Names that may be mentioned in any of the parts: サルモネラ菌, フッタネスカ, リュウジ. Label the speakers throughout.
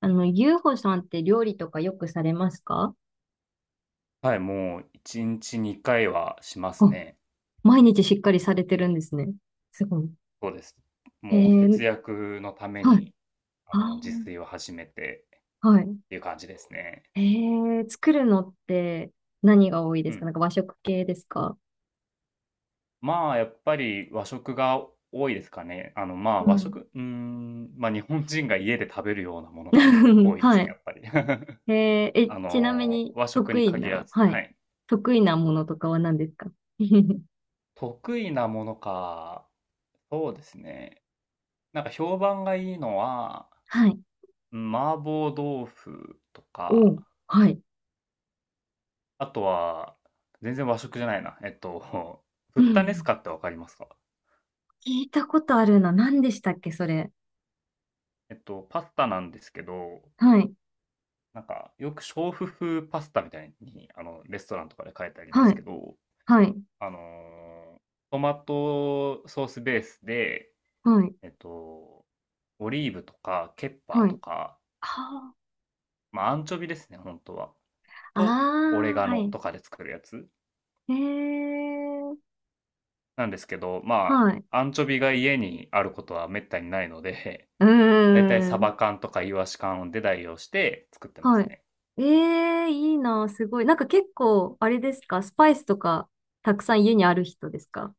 Speaker 1: ゆうほさんって料理とかよくされますか？
Speaker 2: はい、もう1日2回はします
Speaker 1: あ、
Speaker 2: ね。
Speaker 1: 毎日しっかりされてるんですね。すごい。
Speaker 2: そうです。
Speaker 1: え
Speaker 2: もう
Speaker 1: ー、
Speaker 2: 節約のため
Speaker 1: はい。
Speaker 2: に、
Speaker 1: あ
Speaker 2: 自
Speaker 1: ー、
Speaker 2: 炊を始めて
Speaker 1: はい。
Speaker 2: っていう感じですね。
Speaker 1: え作るのって何が多いで
Speaker 2: う
Speaker 1: すか？な
Speaker 2: ん。
Speaker 1: んか和食系ですか？
Speaker 2: まあ、やっぱり和食が多いですかね。まあ、
Speaker 1: う
Speaker 2: 和
Speaker 1: ん。
Speaker 2: 食、うーん、ま、日本人が家で食べるようなものが 多いです
Speaker 1: は
Speaker 2: ね、
Speaker 1: い。
Speaker 2: やっぱり。
Speaker 1: えちなみに
Speaker 2: 和食
Speaker 1: 得
Speaker 2: に
Speaker 1: 意
Speaker 2: 限ら
Speaker 1: な、
Speaker 2: ず、
Speaker 1: は
Speaker 2: は
Speaker 1: い。
Speaker 2: い。
Speaker 1: 得意なものとかは何ですか？
Speaker 2: 得意なものか、そうですね。なんか評判がいいのは、
Speaker 1: はい。
Speaker 2: うん、麻婆豆腐と
Speaker 1: お
Speaker 2: か
Speaker 1: う、はい。
Speaker 2: あとは、全然和食じゃないな。フ
Speaker 1: う
Speaker 2: ッタネス
Speaker 1: ん。
Speaker 2: カってわかりますか？
Speaker 1: 聞いたことあるな。何でしたっけ、それ。
Speaker 2: パスタなんですけど、
Speaker 1: はい。
Speaker 2: なんか、よく娼婦風パスタみたいに、レストランとかで書いてありま
Speaker 1: は
Speaker 2: す
Speaker 1: い。
Speaker 2: けど、
Speaker 1: はい。
Speaker 2: あの、トマトソースベースで、
Speaker 1: はい。
Speaker 2: えっと、オリーブとかケッパ
Speaker 1: は
Speaker 2: ーと
Speaker 1: い。
Speaker 2: か、
Speaker 1: は
Speaker 2: まあ、アンチョビですね、本当は。
Speaker 1: あ、あ
Speaker 2: と、オレガ
Speaker 1: あ、は
Speaker 2: ノ
Speaker 1: い。
Speaker 2: とかで作るやつ
Speaker 1: ええ、
Speaker 2: なんですけど、ま
Speaker 1: はい。
Speaker 2: あ、アンチョビが家にあることは滅多にないので、
Speaker 1: う
Speaker 2: だいたいサ
Speaker 1: ー
Speaker 2: バ
Speaker 1: ん。
Speaker 2: 缶とかイワシ缶で代用して作ってま
Speaker 1: は
Speaker 2: す
Speaker 1: い。
Speaker 2: ね。
Speaker 1: ええ、いいな、すごい。なんか結構、あれですか、スパイスとか、たくさん家にある人ですか？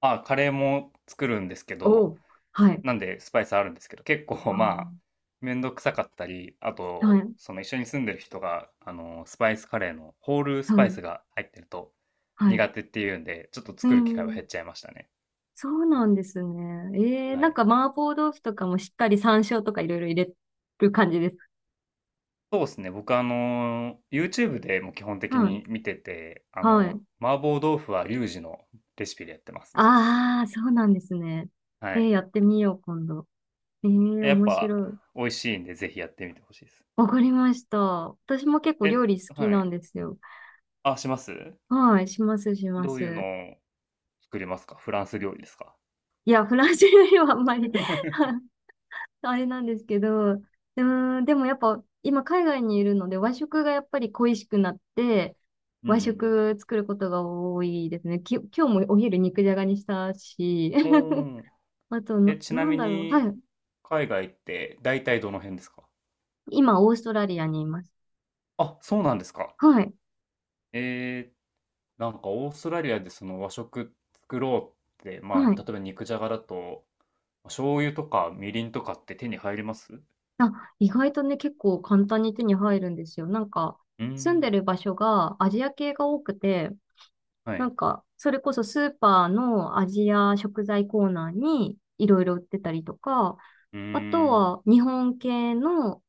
Speaker 2: あ、カレーも作るんですけ
Speaker 1: お
Speaker 2: ど、
Speaker 1: う。はい。
Speaker 2: なんでスパイスあるんですけど、結構まあ、
Speaker 1: あ
Speaker 2: めんどくさかったり、あ
Speaker 1: あ、は
Speaker 2: と、
Speaker 1: い。
Speaker 2: その一緒に住んでる人が、スパイスカレーのホールス
Speaker 1: は
Speaker 2: パイ
Speaker 1: い。
Speaker 2: スが入ってると
Speaker 1: はい。
Speaker 2: 苦手っていうんで、ちょっと
Speaker 1: う
Speaker 2: 作る機会は
Speaker 1: ん。
Speaker 2: 減っちゃいましたね。
Speaker 1: そうなんですね。ええ、
Speaker 2: は
Speaker 1: なん
Speaker 2: い。
Speaker 1: か麻婆豆腐とかもしっかり山椒とかいろいろ入れる感じです。
Speaker 2: そうですね。僕YouTube でも基本的
Speaker 1: はい。
Speaker 2: に見てて、
Speaker 1: はい。
Speaker 2: 麻婆豆腐はリュウジのレシピでやってますね。
Speaker 1: ああ、そうなんですね。
Speaker 2: は
Speaker 1: ええ、
Speaker 2: い。
Speaker 1: やってみよう、今度。ええ、
Speaker 2: やっ
Speaker 1: 面
Speaker 2: ぱ
Speaker 1: 白い。
Speaker 2: 美味しいんで、ぜひやってみてほしいです。
Speaker 1: わかりました。私も結構
Speaker 2: え、
Speaker 1: 料理好き
Speaker 2: は
Speaker 1: なん
Speaker 2: い。
Speaker 1: ですよ。
Speaker 2: あ、します？
Speaker 1: はい、します、しま
Speaker 2: どういう
Speaker 1: す。
Speaker 2: のを作りますか？フランス料理ですか？
Speaker 1: いや、フランス料理はあんま
Speaker 2: う
Speaker 1: り
Speaker 2: ん
Speaker 1: あれなんですけど、うーん、でもやっぱ今海外にいるので和食がやっぱり恋しくなって、
Speaker 2: う
Speaker 1: 和
Speaker 2: ん。
Speaker 1: 食作ることが多いですね。今日もお昼肉じゃがにしたし、
Speaker 2: うー ん。
Speaker 1: あと
Speaker 2: え、
Speaker 1: な、
Speaker 2: ちな
Speaker 1: なん
Speaker 2: み
Speaker 1: だろう。
Speaker 2: に、
Speaker 1: はい。
Speaker 2: 海外って大体どの辺ですか？
Speaker 1: 今、オーストラリアにいます。
Speaker 2: あ、そうなんですか。
Speaker 1: はい。
Speaker 2: えーなんかオーストラリアでその和食作ろうって、
Speaker 1: は
Speaker 2: まあ、
Speaker 1: い。
Speaker 2: 例えば肉じゃがだと、ま醤油とかみりんとかって手に入ります？う
Speaker 1: あ、意外とね、結構簡単に手に入るんですよ。なんか、
Speaker 2: ー
Speaker 1: 住んで
Speaker 2: ん、
Speaker 1: る場所がアジア系が多くて、
Speaker 2: は
Speaker 1: な
Speaker 2: い。
Speaker 1: んか、それこそスーパーのアジア食材コーナーにいろいろ売ってたりとか、
Speaker 2: う
Speaker 1: あと
Speaker 2: ーん。
Speaker 1: は日本系の、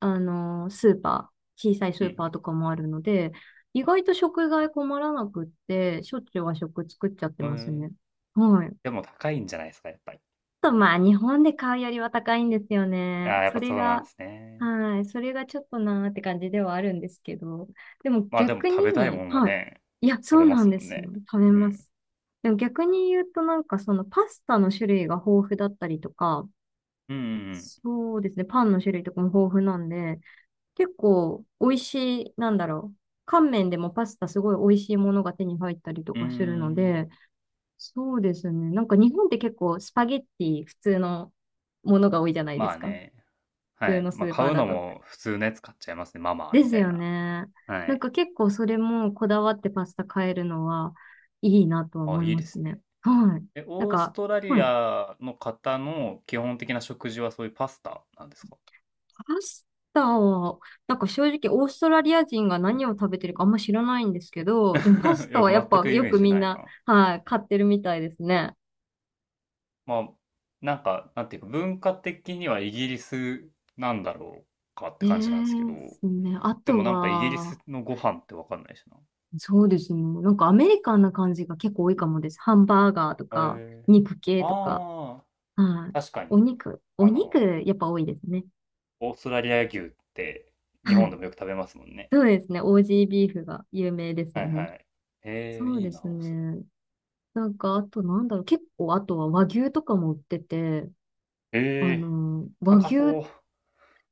Speaker 1: スーパー、小さいス
Speaker 2: う
Speaker 1: ーパーと
Speaker 2: ん、
Speaker 1: かもあるので、意外と食材困らなくって、しょっちゅう和食作っちゃって
Speaker 2: え
Speaker 1: ます
Speaker 2: ー
Speaker 1: ね。はい。
Speaker 2: でも高いんじゃないですか、やっぱり。
Speaker 1: とまあ日本で買うよりは高いんですよ
Speaker 2: あ
Speaker 1: ね。
Speaker 2: あ、やっ
Speaker 1: そ
Speaker 2: ぱ
Speaker 1: れ
Speaker 2: そうなん
Speaker 1: が、
Speaker 2: ですね。
Speaker 1: はい、それがちょっとなーって感じではあるんですけど。でも
Speaker 2: まあでも
Speaker 1: 逆
Speaker 2: 食べたいも
Speaker 1: に、
Speaker 2: んは
Speaker 1: はい。
Speaker 2: ね、
Speaker 1: いや、そ
Speaker 2: 食
Speaker 1: う
Speaker 2: べま
Speaker 1: な
Speaker 2: す
Speaker 1: んで
Speaker 2: もん
Speaker 1: すよ。
Speaker 2: ね。
Speaker 1: 食べ
Speaker 2: う
Speaker 1: ま
Speaker 2: ん。
Speaker 1: す。でも逆に言うとなんかそのパスタの種類が豊富だったりとか、
Speaker 2: うんうん
Speaker 1: そうですね、パンの種類とかも豊富なんで、結構美味しい、なんだろう。乾麺でもパスタすごい美味しいものが手に入ったりと
Speaker 2: うん。うー
Speaker 1: かするので、
Speaker 2: ん。
Speaker 1: そうですね。なんか日本って結構スパゲッティ普通のものが多いじゃないで
Speaker 2: ま
Speaker 1: す
Speaker 2: あ
Speaker 1: か。
Speaker 2: ね。
Speaker 1: 普
Speaker 2: は
Speaker 1: 通
Speaker 2: い。
Speaker 1: のス
Speaker 2: まあ
Speaker 1: ーパ
Speaker 2: 買
Speaker 1: ー
Speaker 2: う
Speaker 1: だ
Speaker 2: の
Speaker 1: と。
Speaker 2: も普通のやつ買っちゃいますね。ママ
Speaker 1: で
Speaker 2: み
Speaker 1: す
Speaker 2: たい
Speaker 1: よ
Speaker 2: な。
Speaker 1: ね。
Speaker 2: は
Speaker 1: なん
Speaker 2: い。
Speaker 1: か結構それもこだわってパスタ買えるのはいいなとは
Speaker 2: あ、
Speaker 1: 思い
Speaker 2: いい
Speaker 1: ま
Speaker 2: で
Speaker 1: す
Speaker 2: す
Speaker 1: ね。
Speaker 2: ね。
Speaker 1: はい。
Speaker 2: え、
Speaker 1: なん
Speaker 2: オース
Speaker 1: か、
Speaker 2: トラ
Speaker 1: は
Speaker 2: リ
Speaker 1: い。
Speaker 2: アの方の基本的な食事はそういうパスタなんですか？
Speaker 1: パスタは、なんか正直オーストラリア人が何を食べてるかあんま知らないんですけ
Speaker 2: い
Speaker 1: ど、でもパスタ
Speaker 2: や、
Speaker 1: はやっ
Speaker 2: 全
Speaker 1: ぱ
Speaker 2: くイ
Speaker 1: よ
Speaker 2: メー
Speaker 1: く
Speaker 2: ジ
Speaker 1: みん
Speaker 2: ない
Speaker 1: な、
Speaker 2: な。
Speaker 1: はい、買ってるみたいですね。
Speaker 2: まあ、なんか、なんていうか、文化的にはイギリスなんだろうかって
Speaker 1: ええ
Speaker 2: 感じなんですけど。
Speaker 1: ですね。あ
Speaker 2: でも
Speaker 1: と
Speaker 2: なんかイギリス
Speaker 1: は、
Speaker 2: のご飯ってわかんないしな。
Speaker 1: そうですね。なんかアメリカンな感じが結構多いかもです。ハンバーガーと
Speaker 2: へ
Speaker 1: か、
Speaker 2: え。
Speaker 1: 肉系とか。
Speaker 2: ああ、
Speaker 1: はい。
Speaker 2: 確か
Speaker 1: お
Speaker 2: に。
Speaker 1: 肉、お
Speaker 2: あ
Speaker 1: 肉、
Speaker 2: の、
Speaker 1: やっぱ多いですね。
Speaker 2: オーストラリア牛って日
Speaker 1: は
Speaker 2: 本で
Speaker 1: い。
Speaker 2: もよく食べますもんね。
Speaker 1: そうですね。オージービーフが有名です
Speaker 2: は
Speaker 1: よ
Speaker 2: い
Speaker 1: ね。
Speaker 2: はい。ええ、
Speaker 1: そう
Speaker 2: いい
Speaker 1: で
Speaker 2: な、
Speaker 1: す
Speaker 2: オーストラ
Speaker 1: ね。なんか、あとなんだろう。結構、あとは和牛とかも売ってて、
Speaker 2: リア。ええ、
Speaker 1: 和
Speaker 2: 高
Speaker 1: 牛、
Speaker 2: そう。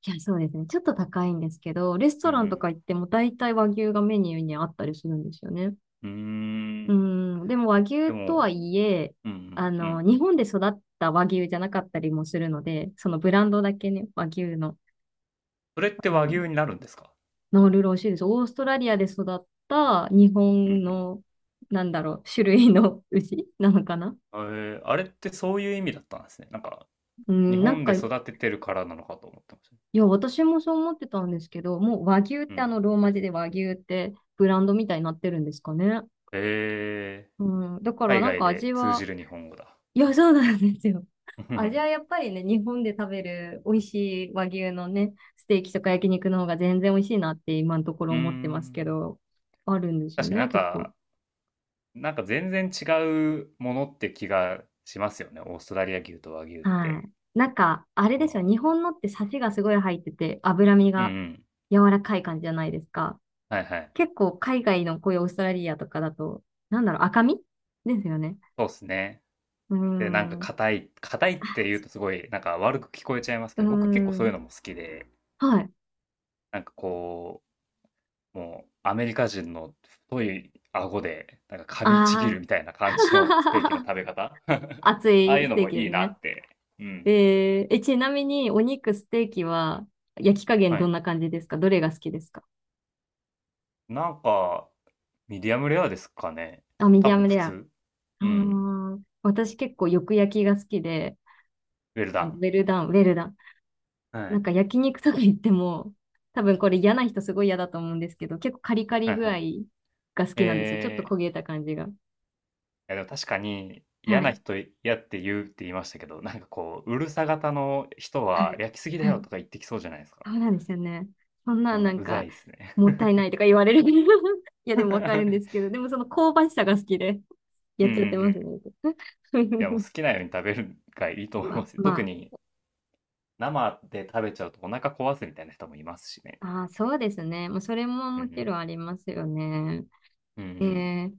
Speaker 1: いや、そうですね。ちょっと高いんですけど、レス
Speaker 2: う
Speaker 1: トランと
Speaker 2: ん
Speaker 1: か行っても大体和牛がメニューにあったりするんですよね。
Speaker 2: うん。うー
Speaker 1: う
Speaker 2: ん。
Speaker 1: ん、でも和牛
Speaker 2: で
Speaker 1: とは
Speaker 2: も、
Speaker 1: いえ、
Speaker 2: うんうんうんうん。
Speaker 1: 日本で育った和牛じゃなかったりもするので、そのブランドだけね、和牛の、
Speaker 2: それって
Speaker 1: あ
Speaker 2: 和
Speaker 1: の、
Speaker 2: 牛になるんですか？
Speaker 1: ノールローシーです。オーストラリアで育った日
Speaker 2: う
Speaker 1: 本
Speaker 2: ん
Speaker 1: の、なんだろう、種類の 牛なのかな。
Speaker 2: うん。ええ、あれってそういう意味だったんですね。なんか、
Speaker 1: う
Speaker 2: 日
Speaker 1: ん、なん
Speaker 2: 本で
Speaker 1: か、い
Speaker 2: 育ててるからなのかと思ってました。
Speaker 1: や、私もそう思ってたんですけど、もう和牛っ
Speaker 2: う
Speaker 1: て
Speaker 2: ん。
Speaker 1: ローマ字で和牛ってブランドみたいになってるんですかね。
Speaker 2: へえ、
Speaker 1: うん、だから
Speaker 2: 海
Speaker 1: なん
Speaker 2: 外
Speaker 1: か
Speaker 2: で
Speaker 1: 味
Speaker 2: 通じ
Speaker 1: は、
Speaker 2: る日本語だ。
Speaker 1: いや、そうなんですよ。味は やっぱりね、日本で食べる美味しい和牛のね、ステーキとか焼肉の方が全然美味しいなって今のところ
Speaker 2: うー
Speaker 1: 思ってますけ
Speaker 2: ん。
Speaker 1: ど、あるんですよ
Speaker 2: 確かにな
Speaker 1: ね、
Speaker 2: ん
Speaker 1: 結構。
Speaker 2: か、なんか全然違うものって気がしますよね。オーストラリア牛と和牛っ
Speaker 1: は
Speaker 2: て。
Speaker 1: い。なんか、あれ
Speaker 2: そ
Speaker 1: ですよ、日
Speaker 2: の、
Speaker 1: 本のってサシがすごい入ってて、脂身
Speaker 2: うんう
Speaker 1: が
Speaker 2: ん。
Speaker 1: 柔らかい感じじゃないですか。
Speaker 2: はいはい。
Speaker 1: 結構海外のこういうオーストラリアとかだと、なんだろう、赤身ですよね。
Speaker 2: そうですね。
Speaker 1: うー
Speaker 2: で、なんか
Speaker 1: ん。う
Speaker 2: 硬い、硬いって言うとすごいなんか悪く聞こえちゃいます
Speaker 1: ー
Speaker 2: けど、僕結構そういうの
Speaker 1: ん。
Speaker 2: も好きで、
Speaker 1: はい。
Speaker 2: なんかこう、もうアメリカ人の太い顎で、なんか噛みちぎ
Speaker 1: あ
Speaker 2: る
Speaker 1: あ。
Speaker 2: みたいな感じのステーキの 食べ方
Speaker 1: 熱
Speaker 2: ああい
Speaker 1: い
Speaker 2: う
Speaker 1: ス
Speaker 2: の
Speaker 1: テー
Speaker 2: も
Speaker 1: キ
Speaker 2: い
Speaker 1: で
Speaker 2: い
Speaker 1: す
Speaker 2: な
Speaker 1: ね。
Speaker 2: って。うん。
Speaker 1: ちなみにお肉、ステーキは焼き加減
Speaker 2: は
Speaker 1: どん
Speaker 2: い。
Speaker 1: な感じですか？どれが好きですか？
Speaker 2: なんか、ミディアムレアですかね。
Speaker 1: あ、ミ
Speaker 2: 多
Speaker 1: ディア
Speaker 2: 分
Speaker 1: ム
Speaker 2: 普
Speaker 1: レア。
Speaker 2: 通。
Speaker 1: あ
Speaker 2: うん。
Speaker 1: ー、私結構よく焼きが好きで、
Speaker 2: ウェルダ
Speaker 1: ウ
Speaker 2: ン。
Speaker 1: ェルダン、ウェルダン。
Speaker 2: は
Speaker 1: なん
Speaker 2: い。
Speaker 1: か焼肉とか言っても、多分これ嫌な人すごい嫌だと思うんですけど、結構カリカ
Speaker 2: は
Speaker 1: リ
Speaker 2: い
Speaker 1: 具
Speaker 2: は
Speaker 1: 合
Speaker 2: い。
Speaker 1: が好きなんですよ。ちょっと焦
Speaker 2: い
Speaker 1: げた感じが。
Speaker 2: やでも確かに嫌
Speaker 1: は
Speaker 2: な
Speaker 1: い。
Speaker 2: 人嫌って言うって言いましたけど、なんかこう、うるさ型の人
Speaker 1: は
Speaker 2: は
Speaker 1: い。
Speaker 2: 焼きすぎだ
Speaker 1: は
Speaker 2: よ
Speaker 1: い。
Speaker 2: とか言ってきそうじゃないですか。
Speaker 1: そうなんですよね。そん
Speaker 2: う
Speaker 1: な
Speaker 2: ん、
Speaker 1: なん
Speaker 2: うざ
Speaker 1: か、
Speaker 2: いですね。
Speaker 1: もったいないと か言われる。いや、でもわかるんです
Speaker 2: う
Speaker 1: けど、でもその香ばしさが好きで、
Speaker 2: ん
Speaker 1: や
Speaker 2: う
Speaker 1: っ
Speaker 2: んう
Speaker 1: ちゃってます
Speaker 2: ん。
Speaker 1: ね。
Speaker 2: いやもう好きなように食べるがいいと思い
Speaker 1: まあ、
Speaker 2: ますよ。特
Speaker 1: ま
Speaker 2: に生で食べちゃうとお腹壊すみたいな人もいますしね。
Speaker 1: あ、あー、そうですね。もうそれも
Speaker 2: うんう
Speaker 1: もちろ
Speaker 2: ん。
Speaker 1: んありますよね。
Speaker 2: うんう
Speaker 1: え
Speaker 2: ん。
Speaker 1: ー、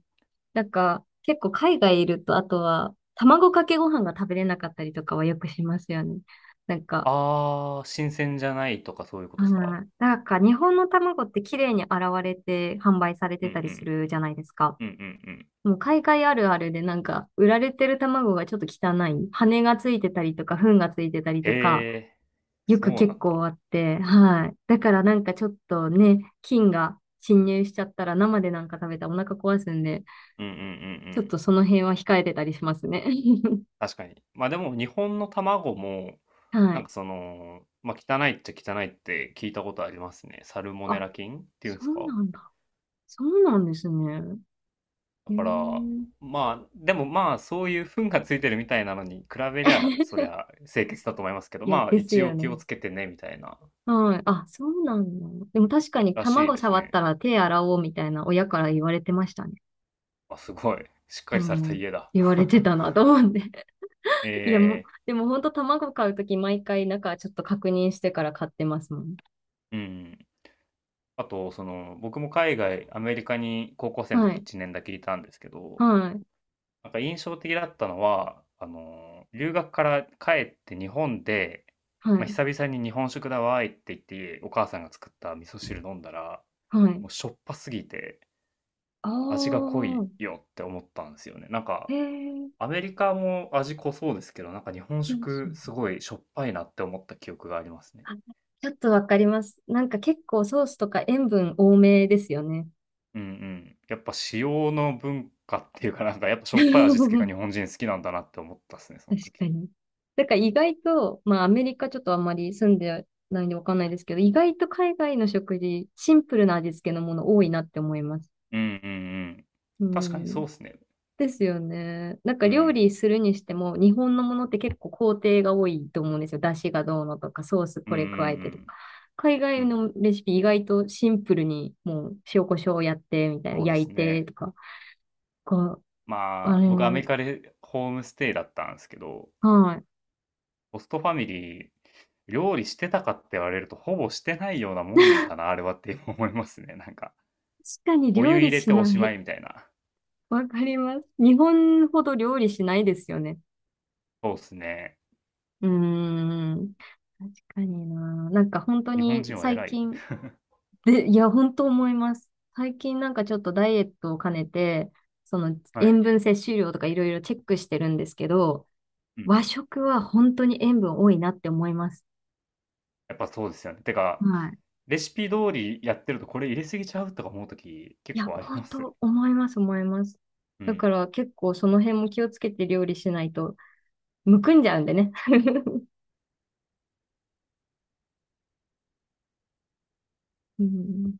Speaker 1: なんか、結構海外いると、あとは、卵かけご飯が食べれなかったりとかはよくしますよね。なんか、
Speaker 2: あー、新鮮じゃないとかそういうこ
Speaker 1: あ
Speaker 2: とですか？
Speaker 1: ー、なんか日本の卵って綺麗に洗われて販売され
Speaker 2: う
Speaker 1: て
Speaker 2: んう
Speaker 1: たりす
Speaker 2: ん。
Speaker 1: るじゃないですか。
Speaker 2: うんうんうん。
Speaker 1: もう海外あるあるでなんか、売られてる卵がちょっと汚い。羽がついてたりとか、糞がついてたり
Speaker 2: へ
Speaker 1: とか、
Speaker 2: え、
Speaker 1: よ
Speaker 2: そ
Speaker 1: く
Speaker 2: うな
Speaker 1: 結
Speaker 2: んだ。
Speaker 1: 構あって、はい。だからなんかちょっとね、菌が侵入しちゃったら生でなんか食べたらお腹壊すんで、
Speaker 2: うんうんうんう
Speaker 1: ちょっ
Speaker 2: ん。
Speaker 1: とその辺は控えてたりしますね。
Speaker 2: 確かに。まあでも日本の卵も、
Speaker 1: は
Speaker 2: なん
Speaker 1: い。
Speaker 2: かその、まあ汚いっちゃ汚いって聞いたことありますね。サルモネ
Speaker 1: あ、
Speaker 2: ラ菌っていうん
Speaker 1: そ
Speaker 2: です
Speaker 1: う
Speaker 2: か？
Speaker 1: なんだ。そうなんですね。
Speaker 2: だ
Speaker 1: へ
Speaker 2: から、
Speaker 1: え。
Speaker 2: まあ、でもまあそういう糞がついてるみたいなのに比べりゃ、そり ゃ清潔だと思いますけど、
Speaker 1: いや、
Speaker 2: まあ
Speaker 1: です
Speaker 2: 一応
Speaker 1: よ
Speaker 2: 気を
Speaker 1: ね。
Speaker 2: つけてね、みたいな、
Speaker 1: はい。あ、そうなんだ。でも確かに
Speaker 2: らしい
Speaker 1: 卵
Speaker 2: です
Speaker 1: 触っ
Speaker 2: ね。
Speaker 1: たら手洗おうみたいな親から言われてましたね。
Speaker 2: あ、すごい。しっか
Speaker 1: う
Speaker 2: りされた
Speaker 1: ん、
Speaker 2: 家だ。
Speaker 1: 言われて たなと思って。いや、も
Speaker 2: え
Speaker 1: う、でも本当卵買うとき毎回中ちょっと確認してから買ってますもん。
Speaker 2: え、うん。あと、その、僕も海外、アメリカに高校生の
Speaker 1: は
Speaker 2: 時
Speaker 1: い、
Speaker 2: 1年だけいたんですけど、
Speaker 1: はい、
Speaker 2: なんか印象的だったのは、留学から帰って日本で、
Speaker 1: は
Speaker 2: まあ、
Speaker 1: い、
Speaker 2: 久々に日本食だわーいって言って、お母さんが作った味噌汁飲んだら、
Speaker 1: はい。
Speaker 2: もうしょっぱすぎて
Speaker 1: あ
Speaker 2: 味が濃い
Speaker 1: あ、
Speaker 2: よって思ったんですよね。なん
Speaker 1: へ
Speaker 2: か、
Speaker 1: え、
Speaker 2: アメリカも味濃そうですけど、なんか日本
Speaker 1: です
Speaker 2: 食
Speaker 1: ね。
Speaker 2: すごいしょっぱいなって思った記憶がありますね。
Speaker 1: あ、ちょっとわかります。なんか結構ソースとか塩分多めですよね。
Speaker 2: うんうん。やっぱ塩の文化っていうか、なんかやっぱ しょっぱい味付けが
Speaker 1: 確
Speaker 2: 日本人好きなんだなって思ったっすね、その
Speaker 1: か
Speaker 2: 時。
Speaker 1: に。だから意外と、まあアメリカちょっとあんまり住んでないんでわかんないですけど、意外と海外の食事、シンプルな味付けのもの多いなって思います。
Speaker 2: うんうんうん。
Speaker 1: う
Speaker 2: 確かにそう
Speaker 1: ん。
Speaker 2: っすね。
Speaker 1: ですよね。なんか
Speaker 2: う
Speaker 1: 料理
Speaker 2: ん。
Speaker 1: するにしても、日本のものって結構工程が多いと思うんですよ。出汁がどうのとか、ソース
Speaker 2: うん
Speaker 1: こ
Speaker 2: う
Speaker 1: れ加えてとか。
Speaker 2: ん
Speaker 1: 海
Speaker 2: うん。う
Speaker 1: 外
Speaker 2: ん。
Speaker 1: のレシピ意外とシンプルに、もう塩コショウやってみたいな、
Speaker 2: そうで
Speaker 1: 焼い
Speaker 2: す
Speaker 1: て
Speaker 2: ね。
Speaker 1: とか。こう、
Speaker 2: ま
Speaker 1: あ
Speaker 2: あ、
Speaker 1: れ、
Speaker 2: 僕アメリカでホームステイだったんですけど、
Speaker 1: はい。
Speaker 2: ホストファミリー、料理してたかって言われると、ほぼしてないようなもんだな、あれはって思いますね、なんか。
Speaker 1: 確かに
Speaker 2: お
Speaker 1: 料
Speaker 2: 湯
Speaker 1: 理
Speaker 2: 入れ
Speaker 1: し
Speaker 2: てお
Speaker 1: な
Speaker 2: しま
Speaker 1: い。
Speaker 2: いみたいな。
Speaker 1: わかります。日本ほど料理しないですよね。
Speaker 2: そうっすね。
Speaker 1: うーん。確かにな。なんか本当
Speaker 2: 日本
Speaker 1: に
Speaker 2: 人は
Speaker 1: 最
Speaker 2: 偉いね。
Speaker 1: 近、で、いや、本当思います。最近なんかちょっとダイエットを兼ねて、その
Speaker 2: はい。
Speaker 1: 塩分摂取量とかいろいろチェックしてるんですけど、
Speaker 2: うんう
Speaker 1: 和
Speaker 2: ん。
Speaker 1: 食は本当に塩分多いなって思います。
Speaker 2: やっぱそうですよね。てか
Speaker 1: はい。
Speaker 2: レシピ通りやってると、これ入れすぎちゃうとか思うとき
Speaker 1: い
Speaker 2: 結
Speaker 1: や、
Speaker 2: 構ありま
Speaker 1: 本
Speaker 2: す。
Speaker 1: 当思います、思います。
Speaker 2: う
Speaker 1: だか
Speaker 2: ん。
Speaker 1: ら結構その辺も気をつけて料理しないと、むくんじゃうんでね。うん